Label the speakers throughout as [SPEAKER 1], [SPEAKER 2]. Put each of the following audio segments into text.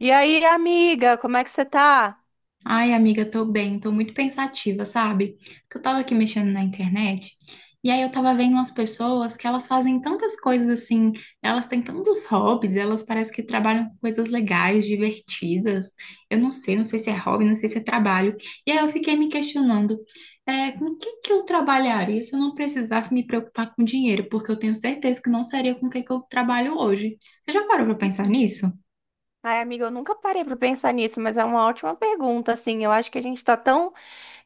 [SPEAKER 1] E aí, amiga, como é que você tá?
[SPEAKER 2] Ai, amiga, tô bem, tô muito pensativa, sabe? Porque eu tava aqui mexendo na internet e aí eu tava vendo umas pessoas que elas fazem tantas coisas assim, elas têm tantos hobbies, elas parecem que trabalham com coisas legais, divertidas. Eu não sei, não sei se é hobby, não sei se é trabalho. E aí eu fiquei me questionando, com o que que eu trabalharia se eu não precisasse me preocupar com dinheiro? Porque eu tenho certeza que não seria com o que que eu trabalho hoje. Você já parou pra pensar
[SPEAKER 1] Uhum.
[SPEAKER 2] nisso?
[SPEAKER 1] Ai, amiga, eu nunca parei pra pensar nisso, mas é uma ótima pergunta, assim. Eu acho que a gente tá tão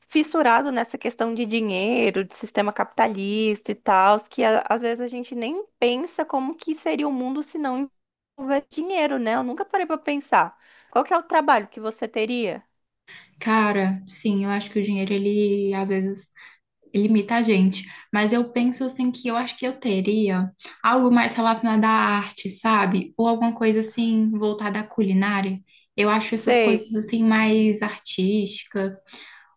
[SPEAKER 1] fissurado nessa questão de dinheiro, de sistema capitalista e tal, que às vezes a gente nem pensa como que seria o mundo se não houvesse dinheiro, né? Eu nunca parei pra pensar. Qual que é o trabalho que você teria?
[SPEAKER 2] Cara, sim, eu acho que o dinheiro, ele às vezes limita a gente. Mas eu penso assim que eu acho que eu teria algo mais relacionado à arte, sabe? Ou alguma coisa assim voltada à culinária. Eu acho essas
[SPEAKER 1] Sei.
[SPEAKER 2] coisas assim mais artísticas.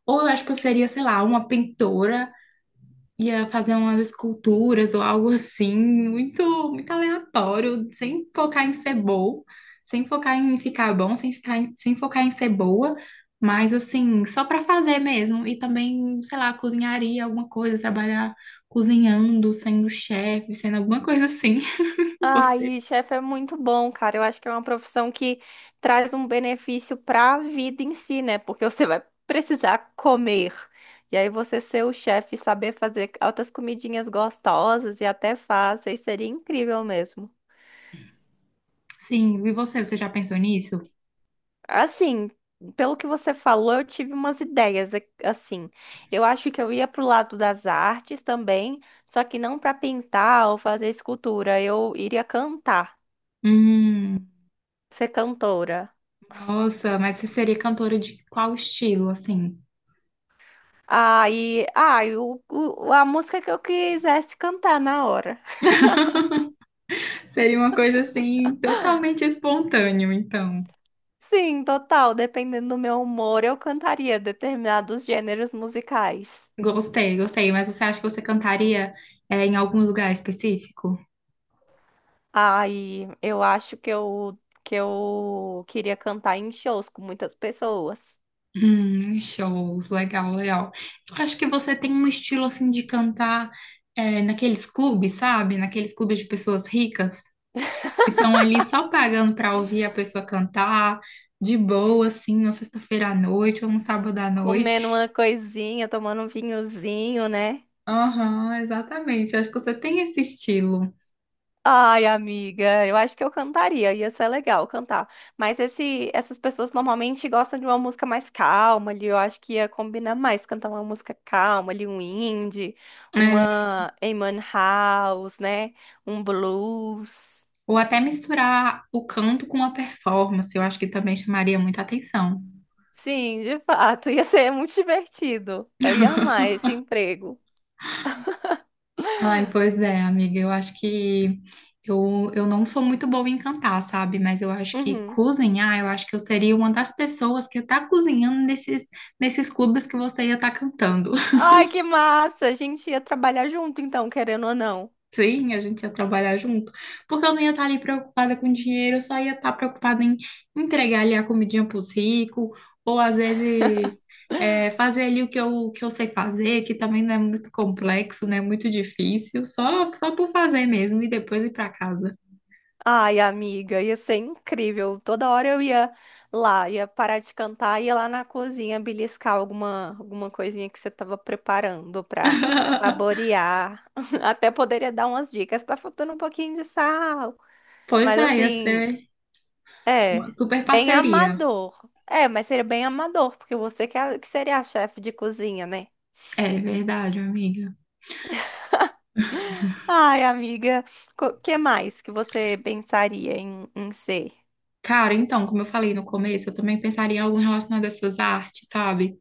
[SPEAKER 2] Ou eu acho que eu seria, sei lá, uma pintora ia fazer umas esculturas ou algo assim, muito, muito aleatório, sem focar em ser bom, sem focar em ficar bom, sem focar em ser boa, mas assim, só para fazer mesmo. E também, sei lá, cozinharia alguma coisa, trabalhar cozinhando, sendo chefe, sendo alguma coisa assim. E você?
[SPEAKER 1] Ai, chefe é muito bom, cara. Eu acho que é uma profissão que traz um benefício para a vida em si, né? Porque você vai precisar comer. E aí você ser o chefe e saber fazer altas comidinhas gostosas e até fáceis seria incrível mesmo.
[SPEAKER 2] Sim, e você? Você já pensou nisso?
[SPEAKER 1] Assim, pelo que você falou, eu tive umas assim. Eu acho que eu ia pro lado das artes também, só que não para pintar ou fazer escultura. Eu iria cantar,
[SPEAKER 2] Hum,
[SPEAKER 1] ser cantora.
[SPEAKER 2] nossa, mas você seria cantora de qual estilo, assim?
[SPEAKER 1] Aí, ai, a música que eu quisesse cantar na hora.
[SPEAKER 2] Seria uma coisa assim, totalmente espontâneo, então.
[SPEAKER 1] Sim, total, dependendo do meu humor, eu cantaria determinados gêneros musicais.
[SPEAKER 2] Gostei, gostei. Mas você acha que você cantaria, em algum lugar específico?
[SPEAKER 1] Aí, eu acho que eu queria cantar em shows com muitas pessoas,
[SPEAKER 2] Show, legal, legal. Eu acho que você tem um estilo assim de cantar, naqueles clubes, sabe? Naqueles clubes de pessoas ricas que estão ali só pagando para ouvir a pessoa cantar de boa, assim, na sexta-feira à noite ou no sábado à noite.
[SPEAKER 1] comendo uma coisinha, tomando um vinhozinho, né?
[SPEAKER 2] Aham, exatamente. Eu acho que você tem esse estilo.
[SPEAKER 1] Ai, amiga, eu acho que eu cantaria, ia ser legal cantar. Mas essas pessoas normalmente gostam de uma música mais calma ali, eu acho que ia combinar mais cantar uma música calma ali, um indie,
[SPEAKER 2] É,
[SPEAKER 1] uma Eamon House, né? Um blues.
[SPEAKER 2] ou até misturar o canto com a performance, eu acho que também chamaria muita atenção.
[SPEAKER 1] Sim, de fato, ia ser muito divertido. Eu ia amar esse emprego.
[SPEAKER 2] Ai, pois é, amiga. Eu acho que eu não sou muito boa em cantar, sabe? Mas eu acho que
[SPEAKER 1] Uhum.
[SPEAKER 2] cozinhar, eu acho que eu seria uma das pessoas que tá cozinhando nesses, nesses clubes que você ia estar cantando.
[SPEAKER 1] Ai, que massa! A gente ia trabalhar junto então, querendo ou não.
[SPEAKER 2] Sim, a gente ia trabalhar junto. Porque eu não ia estar ali preocupada com dinheiro, eu só ia estar preocupada em entregar ali a comidinha pros ricos, ou às vezes. Fazer ali o que eu sei fazer, que também não é muito complexo, não é muito difícil, só por fazer mesmo e depois ir para casa.
[SPEAKER 1] Ai, amiga, ia ser incrível. Toda hora eu ia lá, ia parar de cantar, ia lá na cozinha beliscar alguma coisinha que você estava preparando para saborear. Até poderia dar umas dicas. Tá faltando um pouquinho de sal.
[SPEAKER 2] Pois
[SPEAKER 1] Mas
[SPEAKER 2] é, ia
[SPEAKER 1] assim,
[SPEAKER 2] ser
[SPEAKER 1] é,
[SPEAKER 2] uma super
[SPEAKER 1] bem
[SPEAKER 2] parceria.
[SPEAKER 1] amador. É, mas seria bem amador, porque você que seria a chefe de cozinha, né?
[SPEAKER 2] É verdade, amiga.
[SPEAKER 1] Ai, amiga, o que mais que você pensaria em ser?
[SPEAKER 2] Cara, então, como eu falei no começo, eu também pensaria em algo relacionado a essas artes, sabe?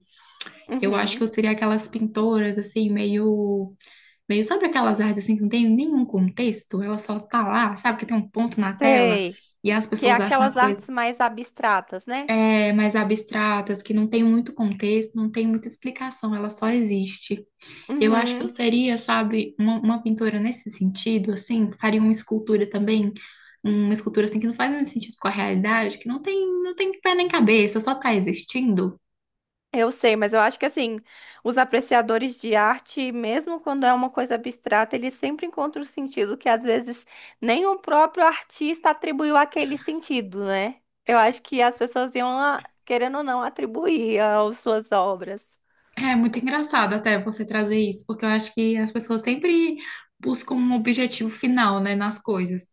[SPEAKER 2] Eu acho que eu
[SPEAKER 1] Uhum,
[SPEAKER 2] seria aquelas pintoras, assim, meio. Meio, sabe aquelas artes, assim, que não tem nenhum contexto? Ela só tá lá, sabe? Que tem um ponto na tela
[SPEAKER 1] sei.
[SPEAKER 2] e as
[SPEAKER 1] Que é
[SPEAKER 2] pessoas acham
[SPEAKER 1] aquelas
[SPEAKER 2] uma coisa
[SPEAKER 1] artes mais abstratas, né?
[SPEAKER 2] mais abstratas, que não tem muito contexto, não tem muita explicação, ela só existe. Eu acho que eu
[SPEAKER 1] Uhum,
[SPEAKER 2] seria, sabe, uma pintora nesse sentido, assim, faria uma escultura também, uma escultura assim que não faz muito sentido com a realidade, que não tem, não tem pé nem cabeça, só tá existindo.
[SPEAKER 1] eu sei, mas eu acho que assim, os apreciadores de arte, mesmo quando é uma coisa abstrata, eles sempre encontram o sentido que às vezes nem o próprio artista atribuiu aquele sentido, né? Eu acho que as pessoas iam, ah, querendo ou não, atribuir às suas obras.
[SPEAKER 2] É muito engraçado até você trazer isso, porque eu acho que as pessoas sempre buscam um objetivo final, né, nas coisas.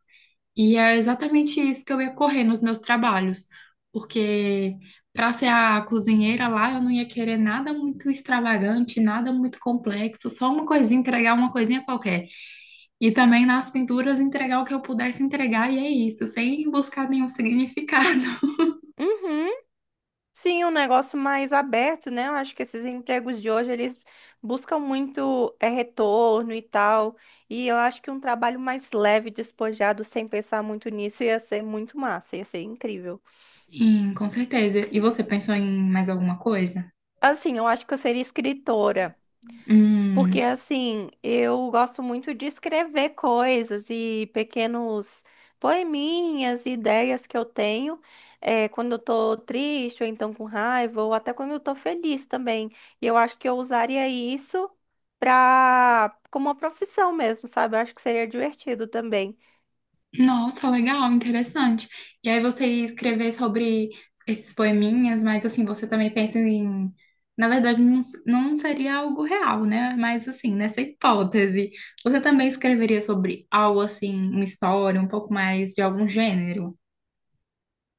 [SPEAKER 2] E é exatamente isso que eu ia correr nos meus trabalhos, porque para ser a cozinheira lá, eu não ia querer nada muito extravagante, nada muito complexo, só uma coisinha, entregar uma coisinha qualquer. E também nas pinturas entregar o que eu pudesse entregar, e é isso, sem buscar nenhum significado.
[SPEAKER 1] Uhum. Sim, um negócio mais aberto, né? Eu acho que esses empregos de hoje, eles buscam muito retorno e tal. E eu acho que um trabalho mais leve, despojado, sem pensar muito nisso, ia ser muito massa, ia ser incrível.
[SPEAKER 2] Sim, com certeza. E você pensou em mais alguma coisa?
[SPEAKER 1] Assim, eu acho que eu seria escritora.
[SPEAKER 2] Hum,
[SPEAKER 1] Porque assim, eu gosto muito de escrever coisas e pequenos poeminhas e ideias que eu tenho quando eu tô triste, ou então com raiva, ou até quando eu tô feliz também. E eu acho que eu usaria isso pra... como uma profissão mesmo, sabe? Eu acho que seria divertido também.
[SPEAKER 2] nossa, legal, interessante. E aí você ia escrever sobre esses poeminhas, mas assim, você também pensa em. Na verdade, não, não seria algo real, né? Mas assim, nessa hipótese, você também escreveria sobre algo assim, uma história, um pouco mais de algum gênero?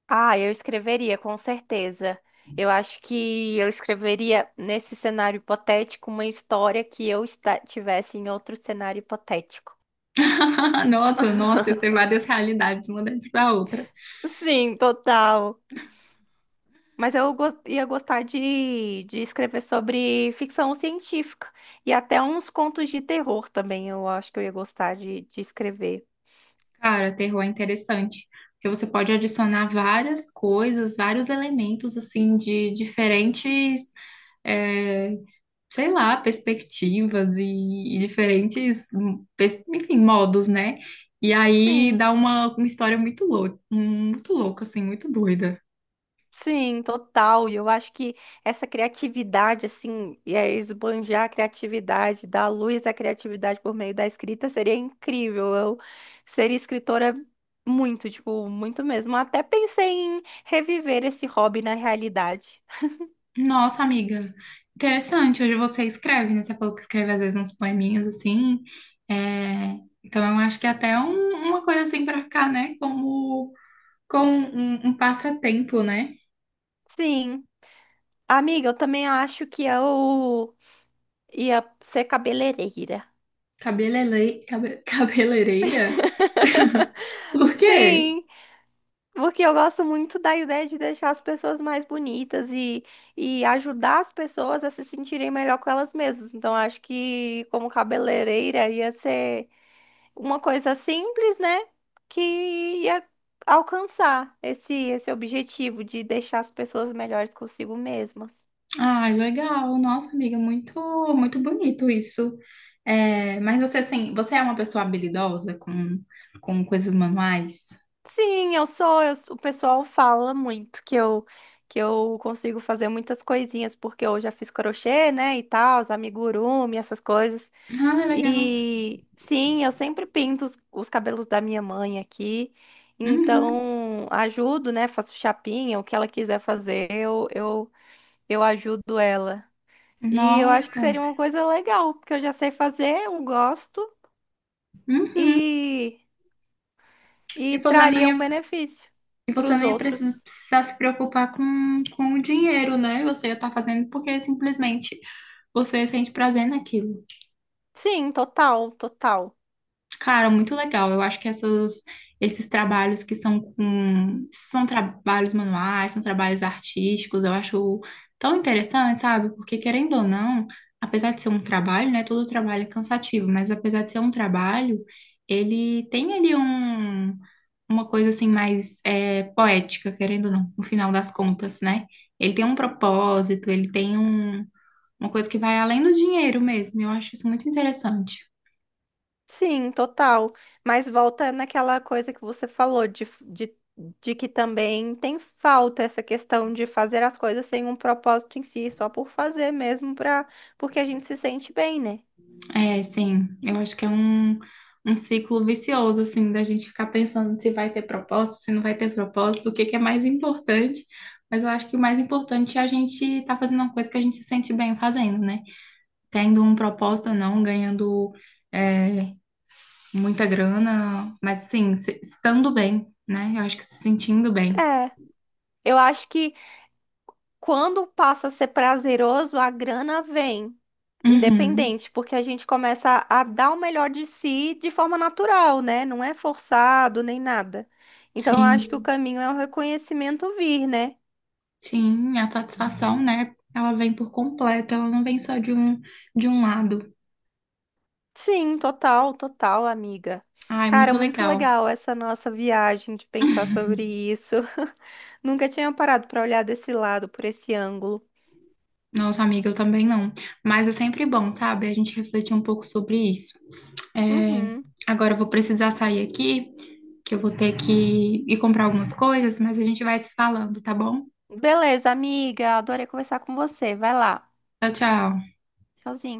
[SPEAKER 1] Ah, eu escreveria, com certeza. Eu acho que eu escreveria nesse cenário hipotético uma história que tivesse em outro cenário hipotético.
[SPEAKER 2] Nossa, nossa, ia ser várias realidades, uma dentro da outra.
[SPEAKER 1] Sim, total. Mas ia gostar de escrever sobre ficção científica e até uns contos de terror também. Eu acho que eu ia gostar de escrever.
[SPEAKER 2] Cara, terror é interessante, porque você pode adicionar várias coisas, vários elementos, assim, de diferentes, é, sei lá, perspectivas e diferentes, enfim, modos, né? E aí
[SPEAKER 1] Sim,
[SPEAKER 2] dá uma história muito louca, assim, muito doida.
[SPEAKER 1] sim, total. E eu acho que essa criatividade, assim, e aí esbanjar a criatividade, dar luz à criatividade por meio da escrita seria incrível. Eu seria escritora muito, tipo, muito mesmo. Até pensei em reviver esse hobby na realidade.
[SPEAKER 2] Nossa, amiga, interessante. Hoje você escreve, né? Você falou que escreve às vezes uns poeminhas assim. É, então eu acho que é até uma coisa assim pra cá, né? Como, como um passatempo, né?
[SPEAKER 1] Sim. Amiga, eu também acho que eu ia ser cabeleireira.
[SPEAKER 2] Cabelele... Cabeleireira? Por quê?
[SPEAKER 1] Sim, porque eu gosto muito da ideia de deixar as pessoas mais bonitas e ajudar as pessoas a se sentirem melhor com elas mesmas. Então, acho que como cabeleireira ia ser uma coisa simples, né? Que ia alcançar esse objetivo de deixar as pessoas melhores consigo mesmas.
[SPEAKER 2] Ai, legal. Nossa, amiga, muito, muito bonito isso. É, mas você, assim, você é uma pessoa habilidosa com coisas manuais?
[SPEAKER 1] Sim, o pessoal fala muito que eu consigo fazer muitas coisinhas porque eu já fiz crochê, né, e tal, os amigurumi, essas coisas.
[SPEAKER 2] Ah, legal.
[SPEAKER 1] E sim, eu sempre pinto os cabelos da minha mãe aqui.
[SPEAKER 2] Uhum.
[SPEAKER 1] Então, ajudo, né, faço chapinha, o que ela quiser fazer, eu ajudo ela. E eu acho que seria
[SPEAKER 2] Nossa.
[SPEAKER 1] uma coisa legal, porque eu já sei fazer, eu gosto
[SPEAKER 2] Uhum.
[SPEAKER 1] e
[SPEAKER 2] E
[SPEAKER 1] e
[SPEAKER 2] você não
[SPEAKER 1] traria
[SPEAKER 2] ia,
[SPEAKER 1] um benefício
[SPEAKER 2] e
[SPEAKER 1] para
[SPEAKER 2] você
[SPEAKER 1] os
[SPEAKER 2] não ia
[SPEAKER 1] outros.
[SPEAKER 2] precisar se preocupar com o dinheiro, né? Você ia estar fazendo porque simplesmente você sente prazer naquilo.
[SPEAKER 1] Sim, total, total.
[SPEAKER 2] Cara, muito legal. Eu acho que essas, esses trabalhos que são com, são trabalhos manuais, são trabalhos artísticos, eu acho tão interessante, sabe? Porque querendo ou não, apesar de ser um trabalho, né? Todo trabalho é cansativo, mas apesar de ser um trabalho, ele tem ali um, uma coisa assim mais poética, querendo ou não, no final das contas, né? Ele tem um propósito, ele tem um, uma coisa que vai além do dinheiro mesmo. Eu acho isso muito interessante.
[SPEAKER 1] Sim, total. Mas volta naquela coisa que você falou de que também tem falta essa questão de fazer as coisas sem um propósito em si, só por fazer mesmo, pra, porque a gente se sente bem, né?
[SPEAKER 2] É, sim. Eu acho que é um, um ciclo vicioso, assim, da gente ficar pensando se vai ter propósito, se não vai ter propósito, o que que é mais importante. Mas eu acho que o mais importante é a gente estar fazendo uma coisa que a gente se sente bem fazendo, né? Tendo um propósito ou não, ganhando é, muita grana, mas sim, estando bem, né? Eu acho que se sentindo bem.
[SPEAKER 1] É. Eu acho que quando passa a ser prazeroso, a grana vem,
[SPEAKER 2] Uhum.
[SPEAKER 1] independente, porque a gente começa a dar o melhor de si de forma natural, né? Não é forçado nem nada. Então, eu acho que o
[SPEAKER 2] Sim,
[SPEAKER 1] caminho é o reconhecimento vir, né?
[SPEAKER 2] sim, a satisfação, né? Ela vem por completo, ela não vem só de um lado.
[SPEAKER 1] Sim, total, total, amiga.
[SPEAKER 2] Ai,
[SPEAKER 1] Cara,
[SPEAKER 2] muito
[SPEAKER 1] muito
[SPEAKER 2] legal.
[SPEAKER 1] legal essa nossa viagem de pensar sobre isso. Nunca tinha parado para olhar desse lado, por esse ângulo.
[SPEAKER 2] Nossa, amiga, eu também não. Mas é sempre bom, sabe? A gente refletir um pouco sobre isso. É,
[SPEAKER 1] Uhum.
[SPEAKER 2] agora eu vou precisar sair aqui, que eu vou ter que ir comprar algumas coisas, mas a gente vai se falando, tá bom?
[SPEAKER 1] Beleza, amiga. Adorei conversar com você. Vai lá.
[SPEAKER 2] Tchau, tchau.
[SPEAKER 1] Tchauzinho.